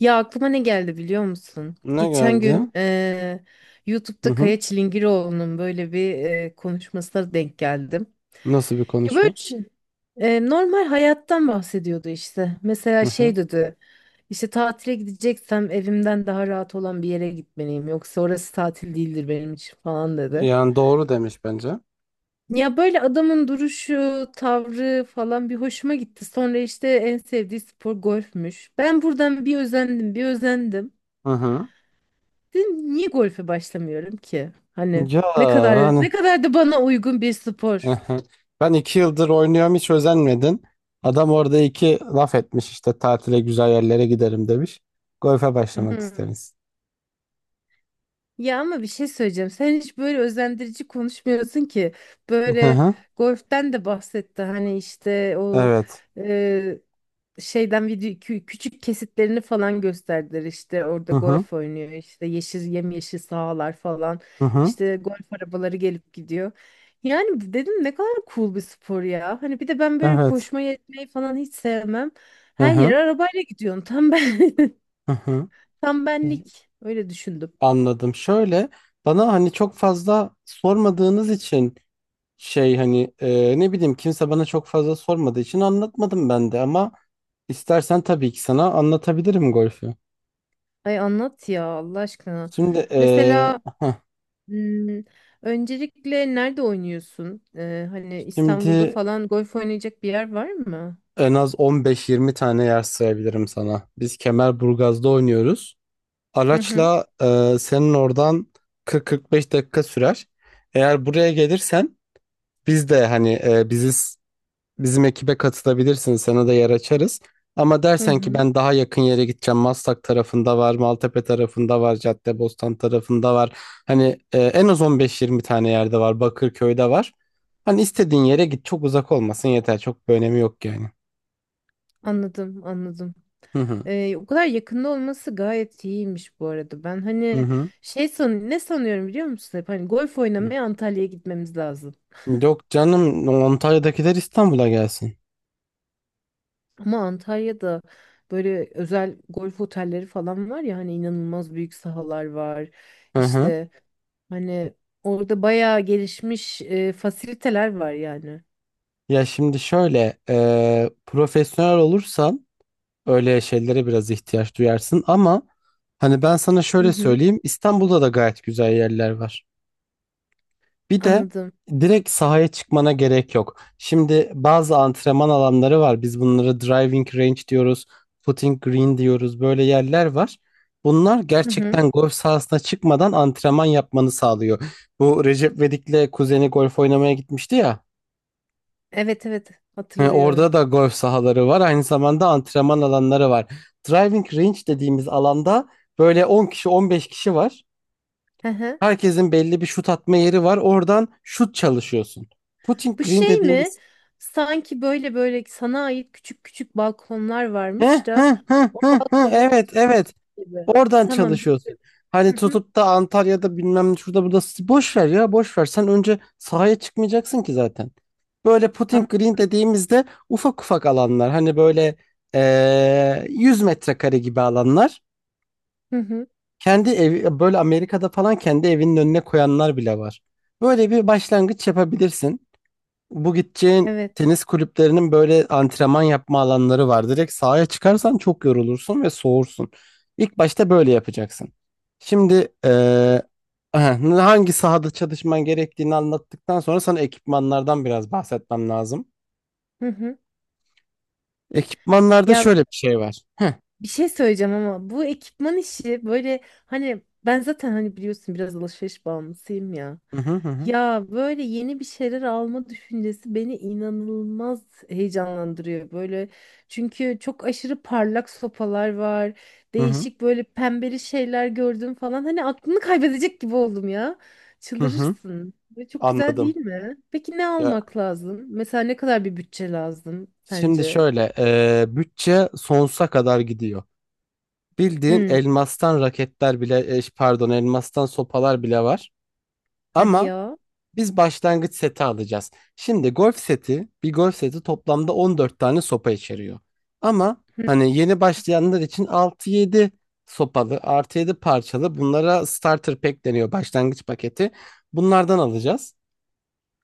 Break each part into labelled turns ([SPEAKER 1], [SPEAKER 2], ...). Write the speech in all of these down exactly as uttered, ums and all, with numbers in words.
[SPEAKER 1] Ya aklıma ne geldi biliyor musun?
[SPEAKER 2] Ne
[SPEAKER 1] Geçen
[SPEAKER 2] geldi?
[SPEAKER 1] gün eee,
[SPEAKER 2] Hı
[SPEAKER 1] YouTube'da
[SPEAKER 2] hı.
[SPEAKER 1] Kaya Çilingiroğlu'nun böyle bir eee, konuşmasına denk geldim.
[SPEAKER 2] Nasıl bir
[SPEAKER 1] Ya
[SPEAKER 2] konuşma?
[SPEAKER 1] böyle şey, eee, normal hayattan bahsediyordu işte.
[SPEAKER 2] Hı
[SPEAKER 1] Mesela
[SPEAKER 2] hı.
[SPEAKER 1] şey dedi. İşte tatile gideceksem evimden daha rahat olan bir yere gitmeliyim. Yoksa orası tatil değildir benim için falan dedi.
[SPEAKER 2] Yani doğru demiş bence.
[SPEAKER 1] Ya böyle adamın duruşu, tavrı falan bir hoşuma gitti. Sonra işte en sevdiği spor golfmüş. Ben buradan bir özendim, bir özendim.
[SPEAKER 2] Hı hı.
[SPEAKER 1] Dedim, niye golfe başlamıyorum ki? Hani
[SPEAKER 2] Ya,
[SPEAKER 1] ne kadar
[SPEAKER 2] hani,
[SPEAKER 1] ne kadar da bana uygun bir
[SPEAKER 2] hı
[SPEAKER 1] spor.
[SPEAKER 2] hı. Ben iki yıldır oynuyorum, hiç özenmedin. Adam orada iki laf etmiş, işte tatile güzel yerlere giderim demiş. Golfe başlamak isteriz.
[SPEAKER 1] Ya ama bir şey söyleyeceğim. Sen hiç böyle özendirici konuşmuyorsun ki.
[SPEAKER 2] Hı
[SPEAKER 1] Böyle
[SPEAKER 2] hı.
[SPEAKER 1] golften de bahsetti. Hani işte o
[SPEAKER 2] Evet.
[SPEAKER 1] e, şeyden video kü- küçük kesitlerini falan gösterdiler, işte orada
[SPEAKER 2] Hı hı.
[SPEAKER 1] golf oynuyor, işte yeşil yemyeşil sahalar falan,
[SPEAKER 2] Hı hı.
[SPEAKER 1] işte golf arabaları gelip gidiyor. Yani dedim ne kadar cool bir spor ya. Hani bir de ben böyle
[SPEAKER 2] Evet.
[SPEAKER 1] koşmayı etmeyi falan hiç sevmem.
[SPEAKER 2] Hı
[SPEAKER 1] Her
[SPEAKER 2] hı.
[SPEAKER 1] yere arabayla gidiyorsun. Tam ben
[SPEAKER 2] Hı hı.
[SPEAKER 1] tam benlik öyle düşündüm.
[SPEAKER 2] Anladım. Şöyle, bana hani çok fazla sormadığınız için, şey, hani e, ne bileyim, kimse bana çok fazla sormadığı için anlatmadım ben de, ama istersen tabii ki sana anlatabilirim golfü.
[SPEAKER 1] Ay anlat ya Allah aşkına.
[SPEAKER 2] Şimdi e,
[SPEAKER 1] Mesela
[SPEAKER 2] heh,
[SPEAKER 1] hmm, öncelikle nerede oynuyorsun? Ee, hani İstanbul'da
[SPEAKER 2] şimdi
[SPEAKER 1] falan golf oynayacak bir yer var mı?
[SPEAKER 2] en az on beş yirmi tane yer sayabilirim sana. Biz Kemerburgaz'da oynuyoruz.
[SPEAKER 1] Hı hı.
[SPEAKER 2] Araçla, e, senin oradan kırk kırk beş dakika sürer. Eğer buraya gelirsen, biz de hani e, bizi bizim ekibe katılabilirsin. Sana da yer açarız. Ama
[SPEAKER 1] Hı
[SPEAKER 2] dersen ki
[SPEAKER 1] hı.
[SPEAKER 2] ben daha yakın yere gideceğim. Maslak tarafında var, Maltepe tarafında var, Caddebostan tarafında var. Hani e, en az on beş yirmi tane yerde var. Bakırköy'de var. Hani istediğin yere git. Çok uzak olmasın yeter. Çok bir önemi yok yani.
[SPEAKER 1] Anladım, anladım.
[SPEAKER 2] Hı hı.
[SPEAKER 1] Ee, o kadar yakında olması gayet iyiymiş bu arada. Ben
[SPEAKER 2] Hı
[SPEAKER 1] hani
[SPEAKER 2] hı.
[SPEAKER 1] şey san ne sanıyorum biliyor musun? Hep hani golf oynamaya Antalya'ya gitmemiz lazım.
[SPEAKER 2] Yok canım, Antalya'dakiler İstanbul'a gelsin.
[SPEAKER 1] Ama Antalya'da böyle özel golf otelleri falan var ya, hani inanılmaz büyük sahalar var.
[SPEAKER 2] Hı hı.
[SPEAKER 1] İşte hani orada bayağı gelişmiş e, fasiliteler var yani.
[SPEAKER 2] Ya, şimdi şöyle, e, profesyonel olursan öyle şeylere biraz ihtiyaç duyarsın, ama hani ben sana
[SPEAKER 1] Hı
[SPEAKER 2] şöyle
[SPEAKER 1] hı,
[SPEAKER 2] söyleyeyim, İstanbul'da da gayet güzel yerler var. Bir de
[SPEAKER 1] anladım.
[SPEAKER 2] direkt sahaya çıkmana gerek yok. Şimdi bazı antrenman alanları var. Biz bunlara driving range diyoruz, putting green diyoruz. Böyle yerler var. Bunlar
[SPEAKER 1] Hı hı.
[SPEAKER 2] gerçekten golf sahasına çıkmadan antrenman yapmanı sağlıyor. Bu Recep Vedik'le kuzeni golf oynamaya gitmişti ya.
[SPEAKER 1] Evet evet,
[SPEAKER 2] He,
[SPEAKER 1] hatırlıyorum.
[SPEAKER 2] orada da golf sahaları var. Aynı zamanda antrenman alanları var. Driving range dediğimiz alanda böyle on kişi, on beş kişi var.
[SPEAKER 1] Hı hı.
[SPEAKER 2] Herkesin belli bir şut atma yeri var. Oradan şut çalışıyorsun. Putting
[SPEAKER 1] Bu
[SPEAKER 2] green
[SPEAKER 1] şey mi?
[SPEAKER 2] dediğimiz.
[SPEAKER 1] Sanki böyle böyle sana ait küçük küçük balkonlar
[SPEAKER 2] He,
[SPEAKER 1] varmış
[SPEAKER 2] he,
[SPEAKER 1] da
[SPEAKER 2] he,
[SPEAKER 1] o
[SPEAKER 2] he, he.
[SPEAKER 1] balkondan
[SPEAKER 2] Evet,
[SPEAKER 1] atıyormuş
[SPEAKER 2] evet.
[SPEAKER 1] gibi.
[SPEAKER 2] Oradan
[SPEAKER 1] Tamam
[SPEAKER 2] çalışıyorsun.
[SPEAKER 1] bildim.
[SPEAKER 2] Hani
[SPEAKER 1] Hı hı.
[SPEAKER 2] tutup da Antalya'da bilmem şurada burada, boş ver ya boş ver. Sen önce sahaya çıkmayacaksın ki zaten. Böyle
[SPEAKER 1] An-
[SPEAKER 2] putting green dediğimizde ufak ufak alanlar. Hani böyle eee yüz metrekare gibi alanlar.
[SPEAKER 1] Hı hı.
[SPEAKER 2] Kendi evi böyle Amerika'da falan, kendi evinin önüne koyanlar bile var. Böyle bir başlangıç yapabilirsin. Bu gideceğin
[SPEAKER 1] Evet.
[SPEAKER 2] tenis kulüplerinin böyle antrenman yapma alanları var. Direkt sahaya çıkarsan çok yorulursun ve soğursun. İlk başta böyle yapacaksın. Şimdi, eee, aha, hangi sahada çalışman gerektiğini anlattıktan sonra sana ekipmanlardan biraz bahsetmem lazım.
[SPEAKER 1] Hı hı.
[SPEAKER 2] Ekipmanlarda
[SPEAKER 1] Ya,
[SPEAKER 2] şöyle bir şey var. Heh,
[SPEAKER 1] bir şey söyleyeceğim ama bu ekipman işi böyle, hani ben zaten hani biliyorsun biraz alışveriş bağımlısıyım ya.
[SPEAKER 2] Hı hı hı hı
[SPEAKER 1] Ya böyle yeni bir şeyler alma düşüncesi beni inanılmaz heyecanlandırıyor böyle. Çünkü çok aşırı parlak sopalar var.
[SPEAKER 2] hı hı
[SPEAKER 1] Değişik böyle pembeli şeyler gördüm falan. Hani aklını kaybedecek gibi oldum ya.
[SPEAKER 2] hı hı.
[SPEAKER 1] Çıldırırsın. Ve çok güzel değil
[SPEAKER 2] Anladım.
[SPEAKER 1] mi? Peki ne
[SPEAKER 2] Ya,
[SPEAKER 1] almak lazım? Mesela ne kadar bir bütçe lazım
[SPEAKER 2] şimdi
[SPEAKER 1] sence?
[SPEAKER 2] şöyle, eee, bütçe sonsuza kadar gidiyor. Bildiğin
[SPEAKER 1] Hmm,
[SPEAKER 2] elmastan raketler bile, e, pardon, elmastan sopalar bile var.
[SPEAKER 1] hadi
[SPEAKER 2] Ama
[SPEAKER 1] ya.
[SPEAKER 2] biz başlangıç seti alacağız. Şimdi, golf seti, bir golf seti toplamda on dört tane sopa içeriyor. Ama hani yeni başlayanlar için altı yedi sopalı, artı yedi parçalı, bunlara starter pack deniyor, başlangıç paketi. Bunlardan alacağız.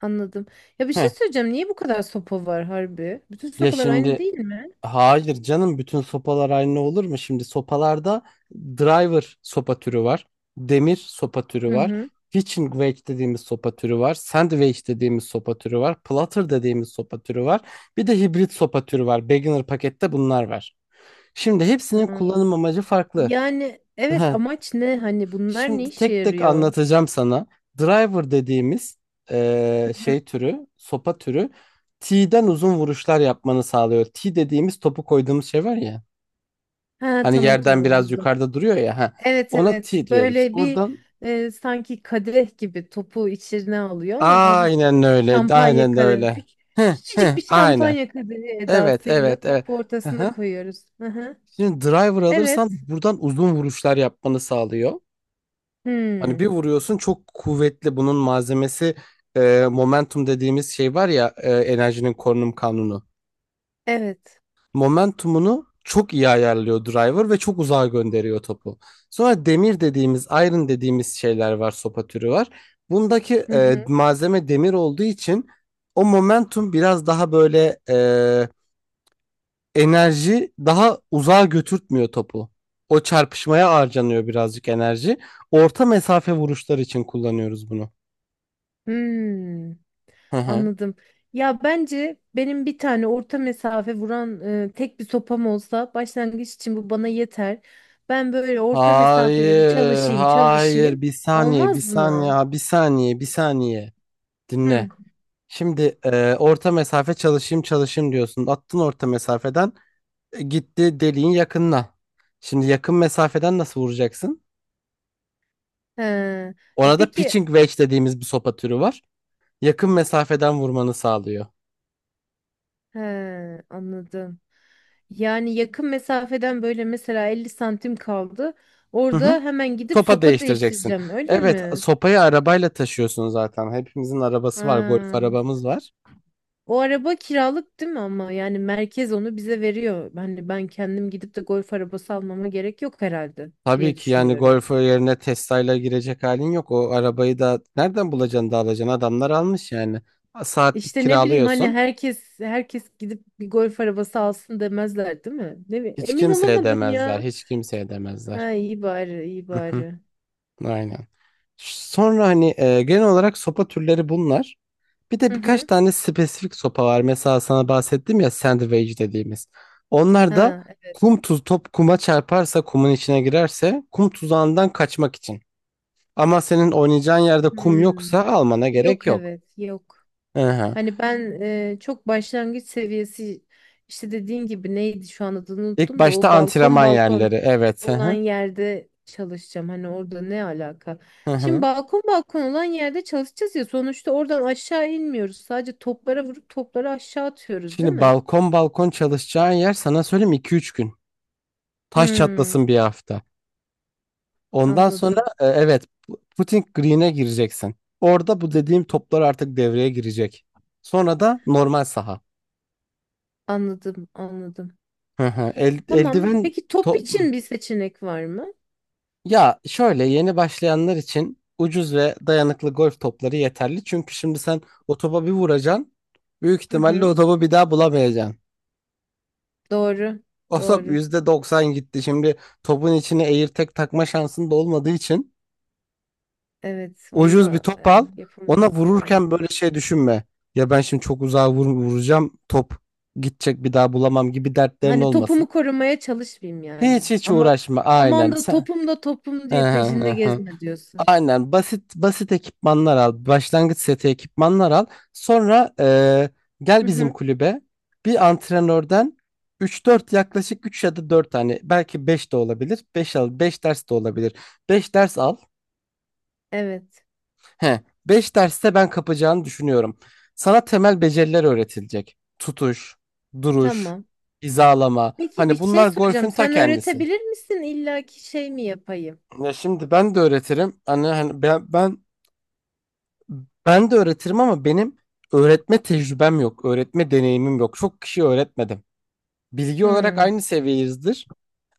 [SPEAKER 1] Anladım. Ya bir
[SPEAKER 2] Heh,
[SPEAKER 1] şey söyleyeceğim. Niye bu kadar sopa var harbi? Bütün
[SPEAKER 2] ya
[SPEAKER 1] sopalar aynı
[SPEAKER 2] şimdi
[SPEAKER 1] değil mi?
[SPEAKER 2] Hayır canım, bütün sopalar aynı olur mu? Şimdi sopalarda driver sopa türü var. Demir sopa türü
[SPEAKER 1] Hı
[SPEAKER 2] var.
[SPEAKER 1] hı.
[SPEAKER 2] Pitching wedge dediğimiz sopa türü var. Sand wedge dediğimiz sopa türü var. Platter dediğimiz sopa türü var. Bir de hibrit sopa türü var. Beginner pakette bunlar var. Şimdi hepsinin
[SPEAKER 1] Hı.
[SPEAKER 2] kullanım amacı farklı.
[SPEAKER 1] Yani evet
[SPEAKER 2] Ha,
[SPEAKER 1] amaç ne? Hani bunlar ne
[SPEAKER 2] şimdi
[SPEAKER 1] işe
[SPEAKER 2] tek tek
[SPEAKER 1] yarıyor?
[SPEAKER 2] anlatacağım sana. Driver dediğimiz eee,
[SPEAKER 1] Hı.
[SPEAKER 2] şey türü, sopa türü T'den uzun vuruşlar yapmanı sağlıyor. T dediğimiz topu koyduğumuz şey var ya.
[SPEAKER 1] Ha
[SPEAKER 2] Hani
[SPEAKER 1] tamam
[SPEAKER 2] yerden
[SPEAKER 1] tamam
[SPEAKER 2] biraz
[SPEAKER 1] anladım.
[SPEAKER 2] yukarıda duruyor ya. Ha.
[SPEAKER 1] Evet
[SPEAKER 2] Ona
[SPEAKER 1] evet.
[SPEAKER 2] T diyoruz.
[SPEAKER 1] Böyle bir
[SPEAKER 2] Oradan
[SPEAKER 1] e, sanki kadeh gibi topu içine alıyor, ama hafif
[SPEAKER 2] aynen
[SPEAKER 1] böyle
[SPEAKER 2] öyle.
[SPEAKER 1] şampanya
[SPEAKER 2] Aynen
[SPEAKER 1] kadeh.
[SPEAKER 2] öyle.
[SPEAKER 1] Küç-
[SPEAKER 2] Heh,
[SPEAKER 1] Küçücük
[SPEAKER 2] heh,
[SPEAKER 1] bir
[SPEAKER 2] aynen.
[SPEAKER 1] şampanya kadehi
[SPEAKER 2] Evet,
[SPEAKER 1] edasıyla
[SPEAKER 2] evet, evet.
[SPEAKER 1] topu
[SPEAKER 2] Hı
[SPEAKER 1] ortasına
[SPEAKER 2] hı.
[SPEAKER 1] koyuyoruz. Hı hı.
[SPEAKER 2] Şimdi, driver alırsan
[SPEAKER 1] Evet.
[SPEAKER 2] buradan uzun vuruşlar yapmanı sağlıyor. Hani
[SPEAKER 1] Hmm.
[SPEAKER 2] bir vuruyorsun çok kuvvetli, bunun malzemesi, e, momentum dediğimiz şey var ya, e, enerjinin korunum kanunu.
[SPEAKER 1] Evet.
[SPEAKER 2] Momentumunu çok iyi ayarlıyor driver ve çok uzağa gönderiyor topu. Sonra demir dediğimiz, iron dediğimiz şeyler var, sopa türü var. Bundaki,
[SPEAKER 1] Hı
[SPEAKER 2] e,
[SPEAKER 1] hı.
[SPEAKER 2] malzeme demir olduğu için o momentum biraz daha böyle, e, enerji daha uzağa götürtmüyor topu. O çarpışmaya harcanıyor birazcık enerji. Orta mesafe vuruşlar için kullanıyoruz bunu.
[SPEAKER 1] Hmm.
[SPEAKER 2] Hı hı.
[SPEAKER 1] Anladım. Ya bence benim bir tane orta mesafe vuran e, tek bir sopam olsa başlangıç için bu bana yeter. Ben böyle orta mesafeleri
[SPEAKER 2] Hayır,
[SPEAKER 1] çalışayım,
[SPEAKER 2] hayır.
[SPEAKER 1] çalışayım.
[SPEAKER 2] Bir saniye, bir
[SPEAKER 1] Olmaz mı?
[SPEAKER 2] saniye, bir saniye, bir saniye.
[SPEAKER 1] Hı.
[SPEAKER 2] Dinle. Şimdi e, orta mesafe çalışayım çalışayım diyorsun. Attın orta mesafeden, e, gitti deliğin yakınına. Şimdi yakın mesafeden nasıl vuracaksın?
[SPEAKER 1] He. E
[SPEAKER 2] Orada
[SPEAKER 1] peki
[SPEAKER 2] pitching wedge dediğimiz bir sopa türü var. Yakın mesafeden vurmanı sağlıyor.
[SPEAKER 1] he, anladım. Yani yakın mesafeden böyle mesela elli santim kaldı.
[SPEAKER 2] Hı hı.
[SPEAKER 1] Orada hemen gidip
[SPEAKER 2] Sopa
[SPEAKER 1] sopa
[SPEAKER 2] değiştireceksin.
[SPEAKER 1] değiştireceğim, öyle
[SPEAKER 2] Evet,
[SPEAKER 1] mi?
[SPEAKER 2] sopayı arabayla taşıyorsun zaten. Hepimizin arabası var, golf
[SPEAKER 1] Ha.
[SPEAKER 2] arabamız var.
[SPEAKER 1] O araba kiralık değil mi ama, yani merkez onu bize veriyor. Hani ben kendim gidip de golf arabası almama gerek yok herhalde
[SPEAKER 2] Tabii
[SPEAKER 1] diye
[SPEAKER 2] ki yani
[SPEAKER 1] düşünüyorum.
[SPEAKER 2] golf yerine Tesla'yla girecek halin yok. O arabayı da nereden bulacaksın da alacaksın? Adamlar almış yani. Saatlik
[SPEAKER 1] İşte ne bileyim, hani
[SPEAKER 2] kiralıyorsun.
[SPEAKER 1] herkes herkes gidip bir golf arabası alsın demezler değil mi? Ne bi-
[SPEAKER 2] Hiç
[SPEAKER 1] Emin
[SPEAKER 2] kimseye
[SPEAKER 1] olamadım
[SPEAKER 2] demezler.
[SPEAKER 1] ya.
[SPEAKER 2] Hiç kimseye
[SPEAKER 1] Ha
[SPEAKER 2] demezler.
[SPEAKER 1] iyi bari, iyi
[SPEAKER 2] Hı hı,
[SPEAKER 1] bari.
[SPEAKER 2] aynen. Sonra hani e, genel olarak sopa türleri bunlar. Bir de
[SPEAKER 1] Hı
[SPEAKER 2] birkaç
[SPEAKER 1] hı.
[SPEAKER 2] tane spesifik sopa var. Mesela sana bahsettim ya sandwich dediğimiz. Onlar da
[SPEAKER 1] Ha evet.
[SPEAKER 2] kum tuz top kuma çarparsa, kumun içine girerse kum tuzağından kaçmak için. Ama senin oynayacağın yerde kum
[SPEAKER 1] Hmm.
[SPEAKER 2] yoksa almana gerek
[SPEAKER 1] Yok
[SPEAKER 2] yok.
[SPEAKER 1] evet, yok.
[SPEAKER 2] Hı hı.
[SPEAKER 1] Hani ben e, çok başlangıç seviyesi, işte dediğin gibi neydi şu an adını
[SPEAKER 2] İlk
[SPEAKER 1] unuttum da,
[SPEAKER 2] başta
[SPEAKER 1] o balkon
[SPEAKER 2] antrenman
[SPEAKER 1] balkon
[SPEAKER 2] yerleri. Evet. Hı
[SPEAKER 1] olan
[SPEAKER 2] hı.
[SPEAKER 1] yerde çalışacağım. Hani orada ne alaka?
[SPEAKER 2] Hı
[SPEAKER 1] Şimdi
[SPEAKER 2] hı.
[SPEAKER 1] balkon balkon olan yerde çalışacağız ya, sonuçta oradan aşağı inmiyoruz. Sadece toplara vurup topları aşağı atıyoruz değil
[SPEAKER 2] Şimdi
[SPEAKER 1] mi?
[SPEAKER 2] balkon balkon çalışacağın yer, sana söyleyeyim, iki üç gün. Taş
[SPEAKER 1] Hmm,
[SPEAKER 2] çatlasın bir hafta. Ondan sonra
[SPEAKER 1] anladım.
[SPEAKER 2] e, evet, pu- putting green'e gireceksin. Orada bu dediğim toplar artık devreye girecek. Sonra da normal saha.
[SPEAKER 1] Anladım, anladım.
[SPEAKER 2] Hı hı. El,
[SPEAKER 1] Tamam.
[SPEAKER 2] eldiven
[SPEAKER 1] Peki top
[SPEAKER 2] top.
[SPEAKER 1] için bir seçenek var mı?
[SPEAKER 2] Ya şöyle, yeni başlayanlar için ucuz ve dayanıklı golf topları yeterli. Çünkü şimdi sen o topa bir vuracaksın. Büyük
[SPEAKER 1] Hı
[SPEAKER 2] ihtimalle o
[SPEAKER 1] hı.
[SPEAKER 2] topu bir daha bulamayacaksın.
[SPEAKER 1] Doğru.
[SPEAKER 2] O top
[SPEAKER 1] Doğru.
[SPEAKER 2] yüzde doksan gitti. Şimdi topun içine tek takma şansın da olmadığı için
[SPEAKER 1] Evet,
[SPEAKER 2] ucuz bir
[SPEAKER 1] onunla
[SPEAKER 2] top
[SPEAKER 1] e,
[SPEAKER 2] al. Ona
[SPEAKER 1] yapamayız yani.
[SPEAKER 2] vururken böyle şey düşünme. Ya ben şimdi çok uzağa vur- vuracağım. Top gidecek, bir daha bulamam gibi dertlerin
[SPEAKER 1] Hani
[SPEAKER 2] olmasın.
[SPEAKER 1] topumu korumaya çalışmayayım yani.
[SPEAKER 2] Hiç hiç
[SPEAKER 1] Ama
[SPEAKER 2] uğraşma.
[SPEAKER 1] aman
[SPEAKER 2] Aynen
[SPEAKER 1] da
[SPEAKER 2] sen.
[SPEAKER 1] topum da topum
[SPEAKER 2] Hı
[SPEAKER 1] diye
[SPEAKER 2] hı hı
[SPEAKER 1] peşinde
[SPEAKER 2] hı.
[SPEAKER 1] gezme diyorsun.
[SPEAKER 2] Aynen, basit basit ekipmanlar al. Başlangıç seti ekipmanlar al. Sonra eee, gel
[SPEAKER 1] Hı
[SPEAKER 2] bizim
[SPEAKER 1] hı.
[SPEAKER 2] kulübe. Bir antrenörden üç, dört, yaklaşık üç ya da dört tane, belki beş de olabilir. Beş al, beş ders de olabilir. Beş ders al.
[SPEAKER 1] Evet.
[SPEAKER 2] He, beş derste ben kapacağını düşünüyorum. Sana temel beceriler öğretilecek. Tutuş, duruş,
[SPEAKER 1] Tamam.
[SPEAKER 2] hizalama.
[SPEAKER 1] Peki bir
[SPEAKER 2] Hani
[SPEAKER 1] şey
[SPEAKER 2] bunlar golfün
[SPEAKER 1] soracağım.
[SPEAKER 2] ta
[SPEAKER 1] Sen
[SPEAKER 2] kendisi.
[SPEAKER 1] öğretebilir misin? İlla ki şey mi yapayım?
[SPEAKER 2] Ya, şimdi ben de öğretirim. Hani, hani ben, ben ben de öğretirim, ama benim öğretme tecrübem yok. Öğretme deneyimim yok. Çok kişi öğretmedim. Bilgi olarak
[SPEAKER 1] Hmm.
[SPEAKER 2] aynı seviyeyizdir.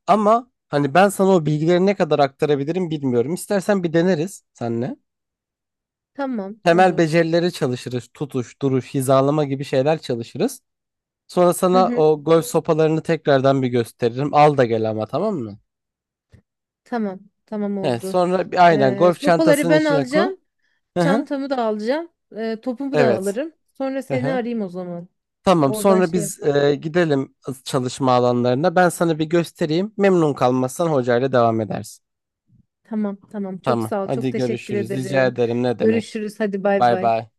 [SPEAKER 2] Ama hani ben sana o bilgileri ne kadar aktarabilirim bilmiyorum. İstersen bir deneriz senle.
[SPEAKER 1] Tamam.
[SPEAKER 2] Temel
[SPEAKER 1] Olur.
[SPEAKER 2] becerileri çalışırız. Tutuş, duruş, hizalama gibi şeyler çalışırız. Sonra
[SPEAKER 1] Hı
[SPEAKER 2] sana
[SPEAKER 1] hı.
[SPEAKER 2] o golf sopalarını tekrardan bir gösteririm. Al da gel ama, tamam mı?
[SPEAKER 1] Tamam. Tamam
[SPEAKER 2] He,
[SPEAKER 1] oldu.
[SPEAKER 2] sonra bir, aynen,
[SPEAKER 1] Ee,
[SPEAKER 2] golf
[SPEAKER 1] sopaları
[SPEAKER 2] çantasının
[SPEAKER 1] ben
[SPEAKER 2] içine koy.
[SPEAKER 1] alacağım.
[SPEAKER 2] Hı hı.
[SPEAKER 1] Çantamı da alacağım. Ee, topumu da
[SPEAKER 2] Evet.
[SPEAKER 1] alırım. Sonra
[SPEAKER 2] Hı
[SPEAKER 1] seni
[SPEAKER 2] hı.
[SPEAKER 1] arayayım o zaman.
[SPEAKER 2] Tamam,
[SPEAKER 1] Oradan
[SPEAKER 2] sonra
[SPEAKER 1] şey
[SPEAKER 2] biz
[SPEAKER 1] yapalım.
[SPEAKER 2] e, gidelim çalışma alanlarına. Ben sana bir göstereyim. Memnun kalmazsan hocayla devam edersin.
[SPEAKER 1] Tamam. Tamam. Çok
[SPEAKER 2] Tamam.
[SPEAKER 1] sağ ol. Çok
[SPEAKER 2] Hadi,
[SPEAKER 1] teşekkür
[SPEAKER 2] görüşürüz. Rica
[SPEAKER 1] ederim.
[SPEAKER 2] ederim. Ne demek?
[SPEAKER 1] Görüşürüz. Hadi bay
[SPEAKER 2] Bay
[SPEAKER 1] bay.
[SPEAKER 2] bay.